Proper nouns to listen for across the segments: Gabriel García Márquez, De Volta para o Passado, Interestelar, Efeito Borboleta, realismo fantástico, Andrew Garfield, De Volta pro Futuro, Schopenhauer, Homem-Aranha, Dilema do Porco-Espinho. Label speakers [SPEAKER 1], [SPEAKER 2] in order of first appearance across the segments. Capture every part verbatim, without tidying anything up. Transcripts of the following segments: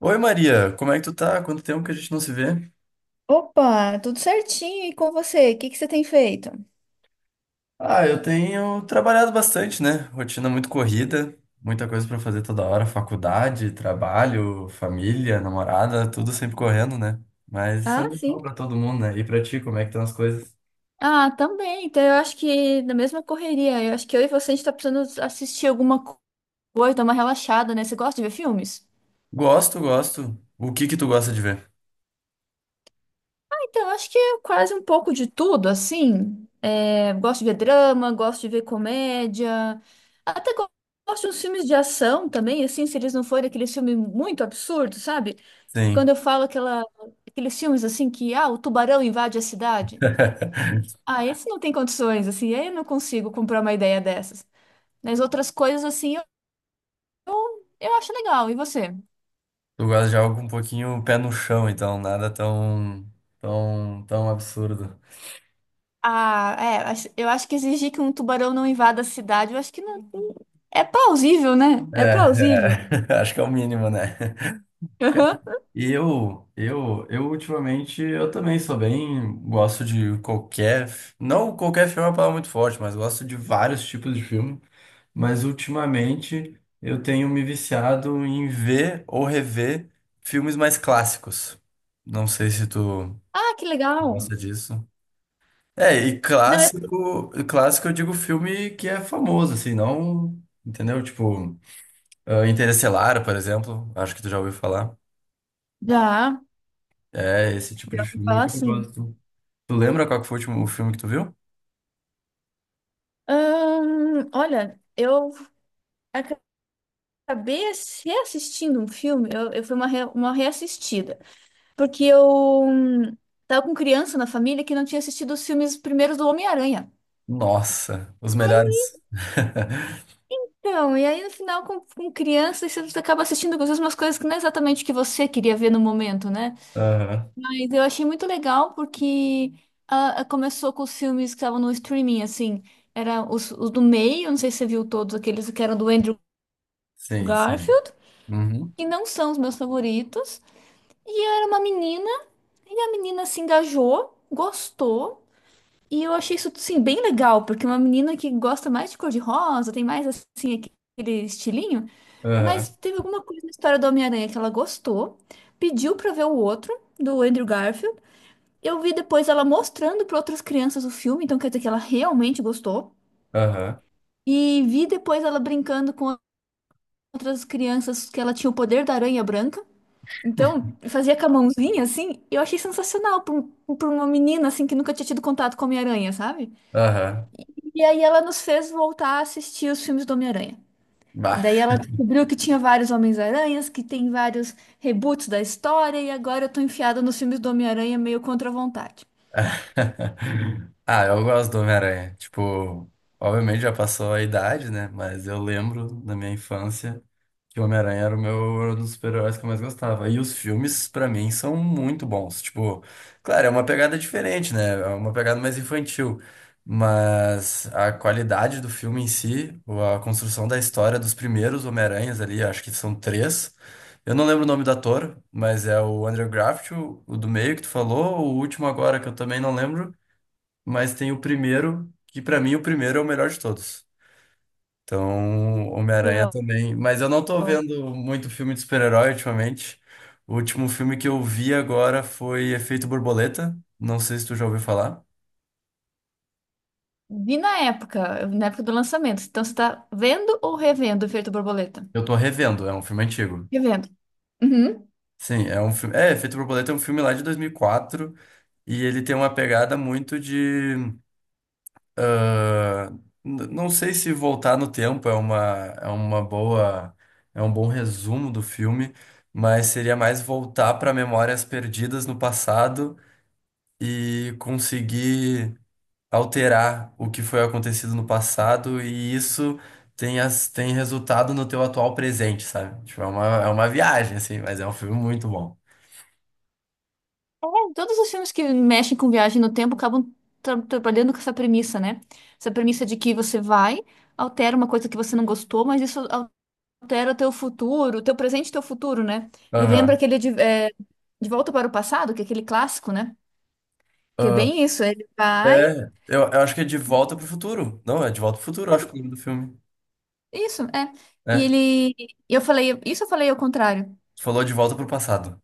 [SPEAKER 1] Oi Maria, como é que tu tá? Quanto tempo que a gente não se vê?
[SPEAKER 2] Opa, tudo certinho. E com você? O que que você tem feito?
[SPEAKER 1] Ah, eu tenho trabalhado bastante, né? Rotina muito corrida, muita coisa pra fazer toda hora, faculdade, trabalho, família, namorada, tudo sempre correndo, né? Mas isso é
[SPEAKER 2] Ah,
[SPEAKER 1] normal
[SPEAKER 2] sim.
[SPEAKER 1] pra todo mundo, né? E pra ti, como é que estão as coisas?
[SPEAKER 2] Ah, também. Então, eu acho que na mesma correria, eu acho que eu e você a gente tá precisando assistir alguma co- coisa, dar uma relaxada, né? Você gosta de ver filmes?
[SPEAKER 1] Gosto, gosto. O que que tu gosta de ver?
[SPEAKER 2] Ah, Então, eu acho que é quase um pouco de tudo, assim. É, gosto de ver drama, gosto de ver comédia, até go- gosto de uns filmes de ação também, assim, se eles não forem aqueles filmes muito absurdos, sabe?
[SPEAKER 1] Sim.
[SPEAKER 2] Quando eu falo aquela, Aqueles filmes assim que, ah, o tubarão invade a cidade. Ah, esse não tem condições, assim, eu não consigo comprar uma ideia dessas. Mas outras coisas, assim, eu, eu, eu acho legal. E você?
[SPEAKER 1] Tu gosta de algo um pouquinho pé no chão, então nada tão tão tão absurdo.
[SPEAKER 2] Ah, é, acho- eu acho que exigir que um tubarão não invada a cidade, eu acho que não. É plausível, né? É
[SPEAKER 1] É,
[SPEAKER 2] plausível.
[SPEAKER 1] é. Acho que é o mínimo, né?
[SPEAKER 2] Aham.
[SPEAKER 1] E eu, eu, eu ultimamente, eu também sou bem, gosto de qualquer, não qualquer filme é uma palavra muito forte, mas gosto de vários tipos de filme, mas ultimamente eu tenho me viciado em ver ou rever filmes mais clássicos. Não sei se tu
[SPEAKER 2] Ah, que legal.
[SPEAKER 1] gosta disso. É, e
[SPEAKER 2] Não, é...
[SPEAKER 1] clássico, clássico eu digo filme que é famoso, assim, não, entendeu? Tipo, ah, Interestelar, por exemplo, acho que tu já ouviu falar.
[SPEAKER 2] Já,
[SPEAKER 1] É esse tipo
[SPEAKER 2] já
[SPEAKER 1] de
[SPEAKER 2] ouvi
[SPEAKER 1] filme
[SPEAKER 2] falar
[SPEAKER 1] que eu
[SPEAKER 2] assim.
[SPEAKER 1] gosto. Tu lembra qual que foi o último filme que tu viu?
[SPEAKER 2] Ahn, olha, eu acabei ass- reassistindo um filme, eu, eu fui uma, re- uma reassistida. Porque eu hum, tava com criança na família que não tinha assistido os filmes primeiros do Homem-Aranha.
[SPEAKER 1] Nossa, os melhores.
[SPEAKER 2] Então, e aí no final, com, com criança, você acaba assistindo às vezes umas coisas que não é exatamente o que você queria ver no momento, né?
[SPEAKER 1] Aham.
[SPEAKER 2] Mas eu achei muito legal porque ah, ah, começou com os filmes que estavam no streaming, assim. Era os, os do meio, não sei se você viu todos aqueles que eram do Andrew
[SPEAKER 1] Sim, sim.
[SPEAKER 2] Garfield,
[SPEAKER 1] Uhum.
[SPEAKER 2] que não são os meus favoritos. E era uma menina, e a menina se engajou, gostou. E eu achei isso, sim, bem legal, porque uma menina que gosta mais de cor-de-rosa, tem mais, assim, aquele estilinho, mas
[SPEAKER 1] Aham.
[SPEAKER 2] teve alguma coisa na história do Homem-Aranha que ela gostou, pediu pra ver o outro, do Andrew Garfield. Eu vi depois ela mostrando pra outras crianças o filme, então quer dizer que ela realmente gostou.
[SPEAKER 1] Aham.
[SPEAKER 2] E vi depois ela brincando com outras crianças que ela tinha o poder da aranha branca. Então, fazia com a mãozinha, assim, eu achei sensacional pra, um- pra uma menina, assim, que nunca tinha tido contato com a Homem-Aranha, sabe?
[SPEAKER 1] Aham.
[SPEAKER 2] E aí ela nos fez voltar a assistir os filmes do Homem-Aranha. E
[SPEAKER 1] Bah.
[SPEAKER 2] daí ela descobriu que tinha vários Homens-Aranhas, que tem vários reboots da história, e agora eu tô enfiada nos filmes do Homem-Aranha meio contra a vontade.
[SPEAKER 1] Ah, eu gosto do Homem-Aranha. Tipo, obviamente já passou a idade, né? Mas eu lembro da minha infância que o Homem-Aranha era o meu era um dos super-heróis que eu mais gostava. E os filmes, pra mim, são muito bons. Tipo, claro, é uma pegada diferente, né? É uma pegada mais infantil. Mas a qualidade do filme em si, ou a construção da história dos primeiros Homem-Aranhas ali, acho que são três. Eu não lembro o nome do ator, mas é o Andrew Garfield, o do meio que tu falou, o último agora que eu também não lembro, mas tem o primeiro, que pra mim o primeiro é o melhor de todos. Então, Homem-Aranha
[SPEAKER 2] Então,
[SPEAKER 1] também. Mas eu não tô vendo muito filme de super-herói ultimamente. O último filme que eu vi agora foi Efeito Borboleta. Não sei se tu já ouviu falar.
[SPEAKER 2] vi na época, na época do lançamento. Então, você tá vendo ou revendo o Efeito Borboleta?
[SPEAKER 1] Eu tô revendo, é um filme antigo.
[SPEAKER 2] Revendo. Uhum.
[SPEAKER 1] Sim, é um filme. É, Efeito Borboleta é um filme lá de dois mil e quatro e quatro e ele tem uma pegada muito de, ah, n- não sei se voltar no tempo é uma, é uma boa, é um bom resumo do filme, mas seria mais voltar para memórias perdidas no passado e conseguir alterar o que foi acontecido no passado e isso tem, as, tem resultado no teu atual presente, sabe? Tipo, é uma, é uma viagem, assim, mas é um filme muito bom.
[SPEAKER 2] É, todos os filmes que mexem com viagem no tempo acabam tra- trabalhando com essa premissa, né? Essa premissa de que você vai, altera uma coisa que você não gostou, mas isso altera o teu futuro, o teu presente e o teu futuro, né? Me lembra
[SPEAKER 1] Aham.
[SPEAKER 2] aquele de, é, De Volta para o Passado, que é aquele clássico, né? Que é
[SPEAKER 1] Ah,
[SPEAKER 2] bem isso, ele vai.
[SPEAKER 1] é, eu, eu acho que é De Volta pro Futuro. Não, é De Volta pro Futuro, eu acho que é o nome do filme,
[SPEAKER 2] Isso, é. E
[SPEAKER 1] né?
[SPEAKER 2] ele. Eu falei, isso eu falei ao contrário.
[SPEAKER 1] Tu falou de volta pro passado.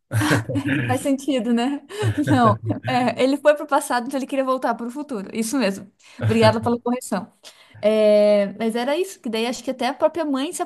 [SPEAKER 2] Não faz sentido, né? Não. É, ele foi para o passado, então ele queria voltar para o futuro. Isso mesmo. Obrigada pela correção. É, mas era isso, que daí acho que até a própria mãe se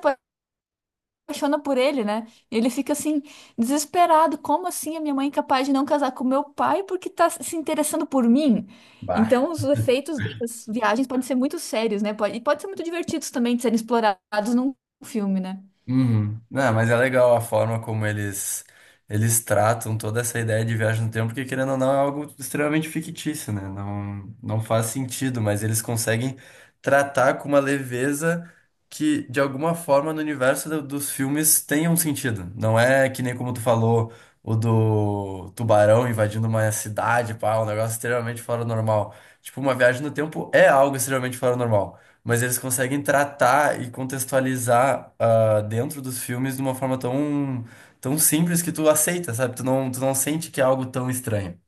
[SPEAKER 2] apaixona por ele, né? Ele fica assim, desesperado. Como assim a minha mãe é capaz de não casar com meu pai porque tá se interessando por mim?
[SPEAKER 1] Bah.
[SPEAKER 2] Então, os efeitos dessas viagens podem ser muito sérios, né? Pode, e pode ser muito divertidos também de serem explorados num filme, né?
[SPEAKER 1] Uhum. Não, mas é legal a forma como eles eles tratam toda essa ideia de viagem no tempo, porque querendo ou não é algo extremamente fictício, né? Não, não faz sentido, mas eles conseguem tratar com uma leveza que de alguma forma no universo do- dos filmes tem um sentido. Não é que nem como tu falou, o do tubarão invadindo uma cidade, pá, um negócio extremamente fora do normal. Tipo, uma viagem no tempo é algo extremamente fora do normal. Mas eles conseguem tratar e contextualizar, ah, dentro dos filmes de uma forma tão, tão simples que tu aceita, sabe? Tu não, tu não sente que é algo tão estranho.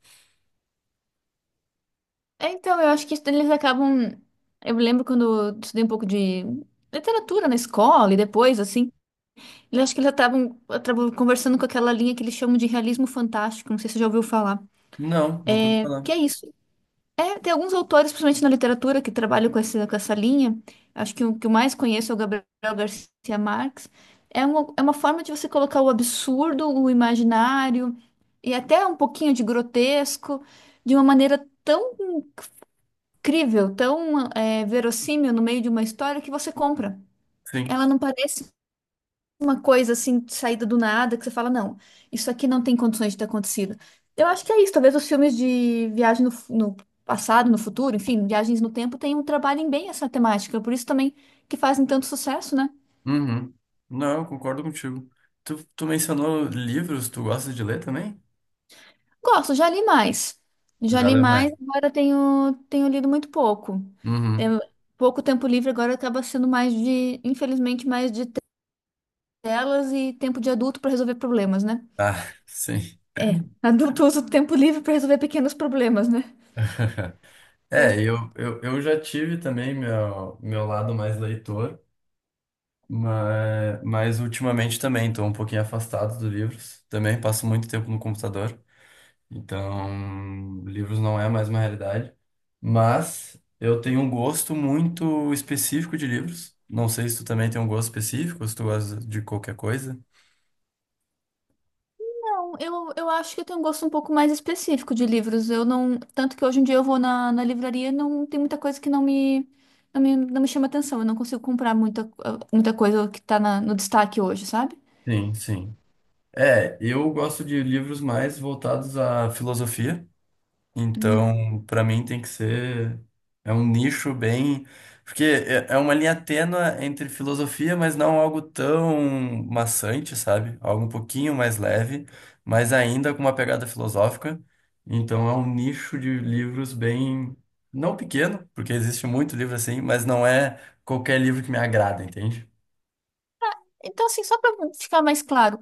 [SPEAKER 2] É, Então, eu acho que isso eles acabam. Eu lembro quando eu estudei um pouco de literatura na escola e depois, assim, eu acho que eles acabam, acabam conversando com aquela linha que eles chamam de realismo fantástico. Não sei se você já ouviu falar.
[SPEAKER 1] Não, nunca ouvi
[SPEAKER 2] É,
[SPEAKER 1] falar.
[SPEAKER 2] que é isso. É, tem alguns autores, principalmente na literatura, que trabalham com essa, com essa linha. Acho que o que eu mais conheço é o Gabriel Garcia Marques. É uma, é uma forma de você colocar o absurdo, o imaginário e até um pouquinho de grotesco de uma maneira tão incrível, tão é, verossímil no meio de uma história que você compra.
[SPEAKER 1] Sim.
[SPEAKER 2] Ela não parece uma coisa assim, saída do nada, que você fala, não, isso aqui não tem condições de ter acontecido. Eu acho que é isso, talvez os filmes de viagem no, fu- no passado, no futuro, enfim, viagens no tempo, tenham, trabalhem bem essa temática, por isso também que fazem tanto sucesso, né?
[SPEAKER 1] Uhum. Não, eu concordo contigo. Tu, tu mencionou livros, tu gosta de ler também?
[SPEAKER 2] Gosto, já li mais. Já
[SPEAKER 1] Já
[SPEAKER 2] li
[SPEAKER 1] leu
[SPEAKER 2] mais,
[SPEAKER 1] mais.
[SPEAKER 2] agora tenho, tenho lido muito pouco.
[SPEAKER 1] Uhum.
[SPEAKER 2] Tenho pouco tempo livre, agora acaba sendo mais de, infelizmente, mais de telas e tempo de adulto para resolver problemas, né?
[SPEAKER 1] Ah, sim.
[SPEAKER 2] É, adulto usa o tempo livre para resolver pequenos problemas, né?
[SPEAKER 1] É, eu, eu, eu já tive também meu, meu lado mais leitor. Mas, mas ultimamente também estou um pouquinho afastado dos livros. Também passo muito tempo no computador. Então, livros não é mais uma realidade. Mas eu tenho um gosto muito específico de livros. Não sei se tu também tem um gosto específico, se tu gosta de qualquer coisa.
[SPEAKER 2] Bom, Eu, eu acho que eu tenho um gosto um pouco mais específico de livros. Eu não, tanto que hoje em dia eu vou na, na livraria, e não tem muita coisa que não me, não me, não me chama atenção. Eu não consigo comprar muita, muita coisa que tá na- no destaque hoje, sabe?
[SPEAKER 1] Sim, sim. É, eu gosto de livros mais voltados à filosofia.
[SPEAKER 2] Hum.
[SPEAKER 1] Então, para mim tem que ser, é um nicho bem, porque é é uma linha tênue entre filosofia, mas não algo tão maçante, sabe? Algo um pouquinho mais leve, mas ainda com uma pegada filosófica. Então, é um nicho de livros bem, não pequeno, porque existe muito livro assim, mas não é qualquer livro que me agrada, entende?
[SPEAKER 2] Então, assim, só para ficar mais claro,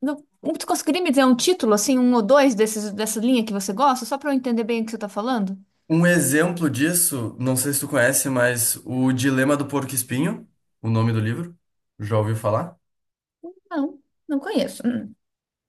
[SPEAKER 2] no- tu conseguiria me dizer um título, assim, um ou dois desses, dessa linha que você gosta, só para eu entender bem o que você tá falando?
[SPEAKER 1] Um exemplo disso, não sei se tu conhece, mas o Dilema do Porco-Espinho, o nome do livro, já ouviu falar?
[SPEAKER 2] Não, não conheço. Hum.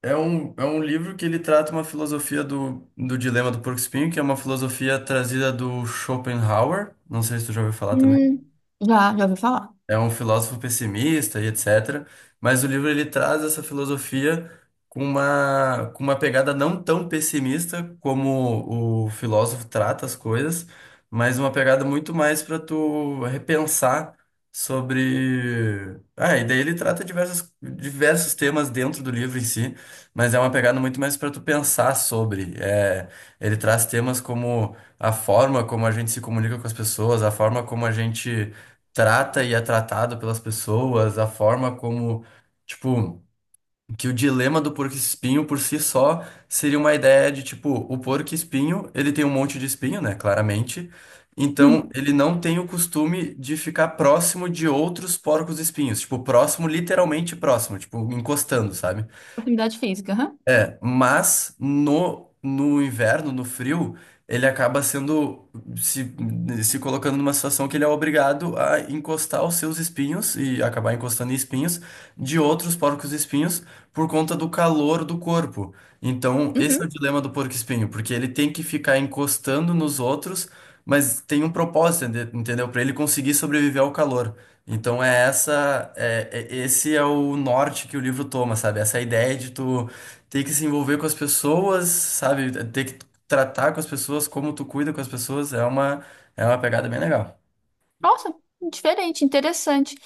[SPEAKER 1] É um, é um livro que ele trata uma filosofia do, do dilema do porco-espinho, que é uma filosofia trazida do Schopenhauer. Não sei se tu já ouviu falar também,
[SPEAKER 2] Hum, Já, já ouvi falar.
[SPEAKER 1] é um filósofo pessimista e et cetera. Mas o livro ele traz essa filosofia com uma, com uma pegada não tão pessimista como o filósofo trata as coisas, mas uma pegada muito mais para tu repensar sobre. Ah, e daí ele trata diversos, diversos temas dentro do livro em si, mas é uma pegada muito mais para tu pensar sobre. É, ele traz temas como a forma como a gente se comunica com as pessoas, a forma como a gente trata e é tratado pelas pessoas, a forma como, tipo, que o dilema do porco-espinho por si só seria uma ideia de, tipo, o porco-espinho, ele tem um monte de espinho, né, claramente. Então,
[SPEAKER 2] Hum.
[SPEAKER 1] ele não tem o costume de ficar próximo de outros porcos-espinhos, tipo, próximo, literalmente próximo, tipo, encostando, sabe?
[SPEAKER 2] Proximidade física, aham.
[SPEAKER 1] É, mas no, no inverno, no frio, ele acaba sendo se, se colocando numa situação que ele é obrigado a encostar os seus espinhos e acabar encostando em espinhos de outros porcos-espinhos por conta do calor do corpo. Então, esse
[SPEAKER 2] Uhum.
[SPEAKER 1] é o dilema do porco-espinho, porque ele tem que ficar encostando nos outros, mas tem um propósito, ente- entendeu? Para ele conseguir sobreviver ao calor. Então é essa, é, é- esse é o norte que o livro toma, sabe? Essa ideia de tu tem que se envolver com as pessoas, sabe? Ter que tratar com as pessoas, como tu cuida com as pessoas, é uma, é uma pegada bem legal.
[SPEAKER 2] Nossa, diferente, interessante.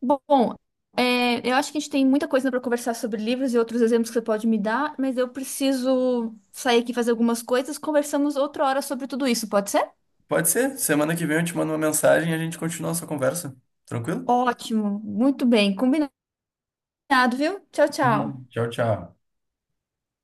[SPEAKER 2] Bom, é, eu acho que a gente tem muita coisa para conversar sobre livros e outros exemplos que você pode me dar, mas eu preciso sair aqui fazer algumas coisas. Conversamos outra hora sobre tudo isso, pode ser?
[SPEAKER 1] Pode ser, semana que vem eu te mando uma mensagem e a gente continua essa conversa. Tranquilo?
[SPEAKER 2] Ótimo, muito bem, combinado, viu? Tchau,
[SPEAKER 1] Uhum.
[SPEAKER 2] tchau.
[SPEAKER 1] Tchau, tchau.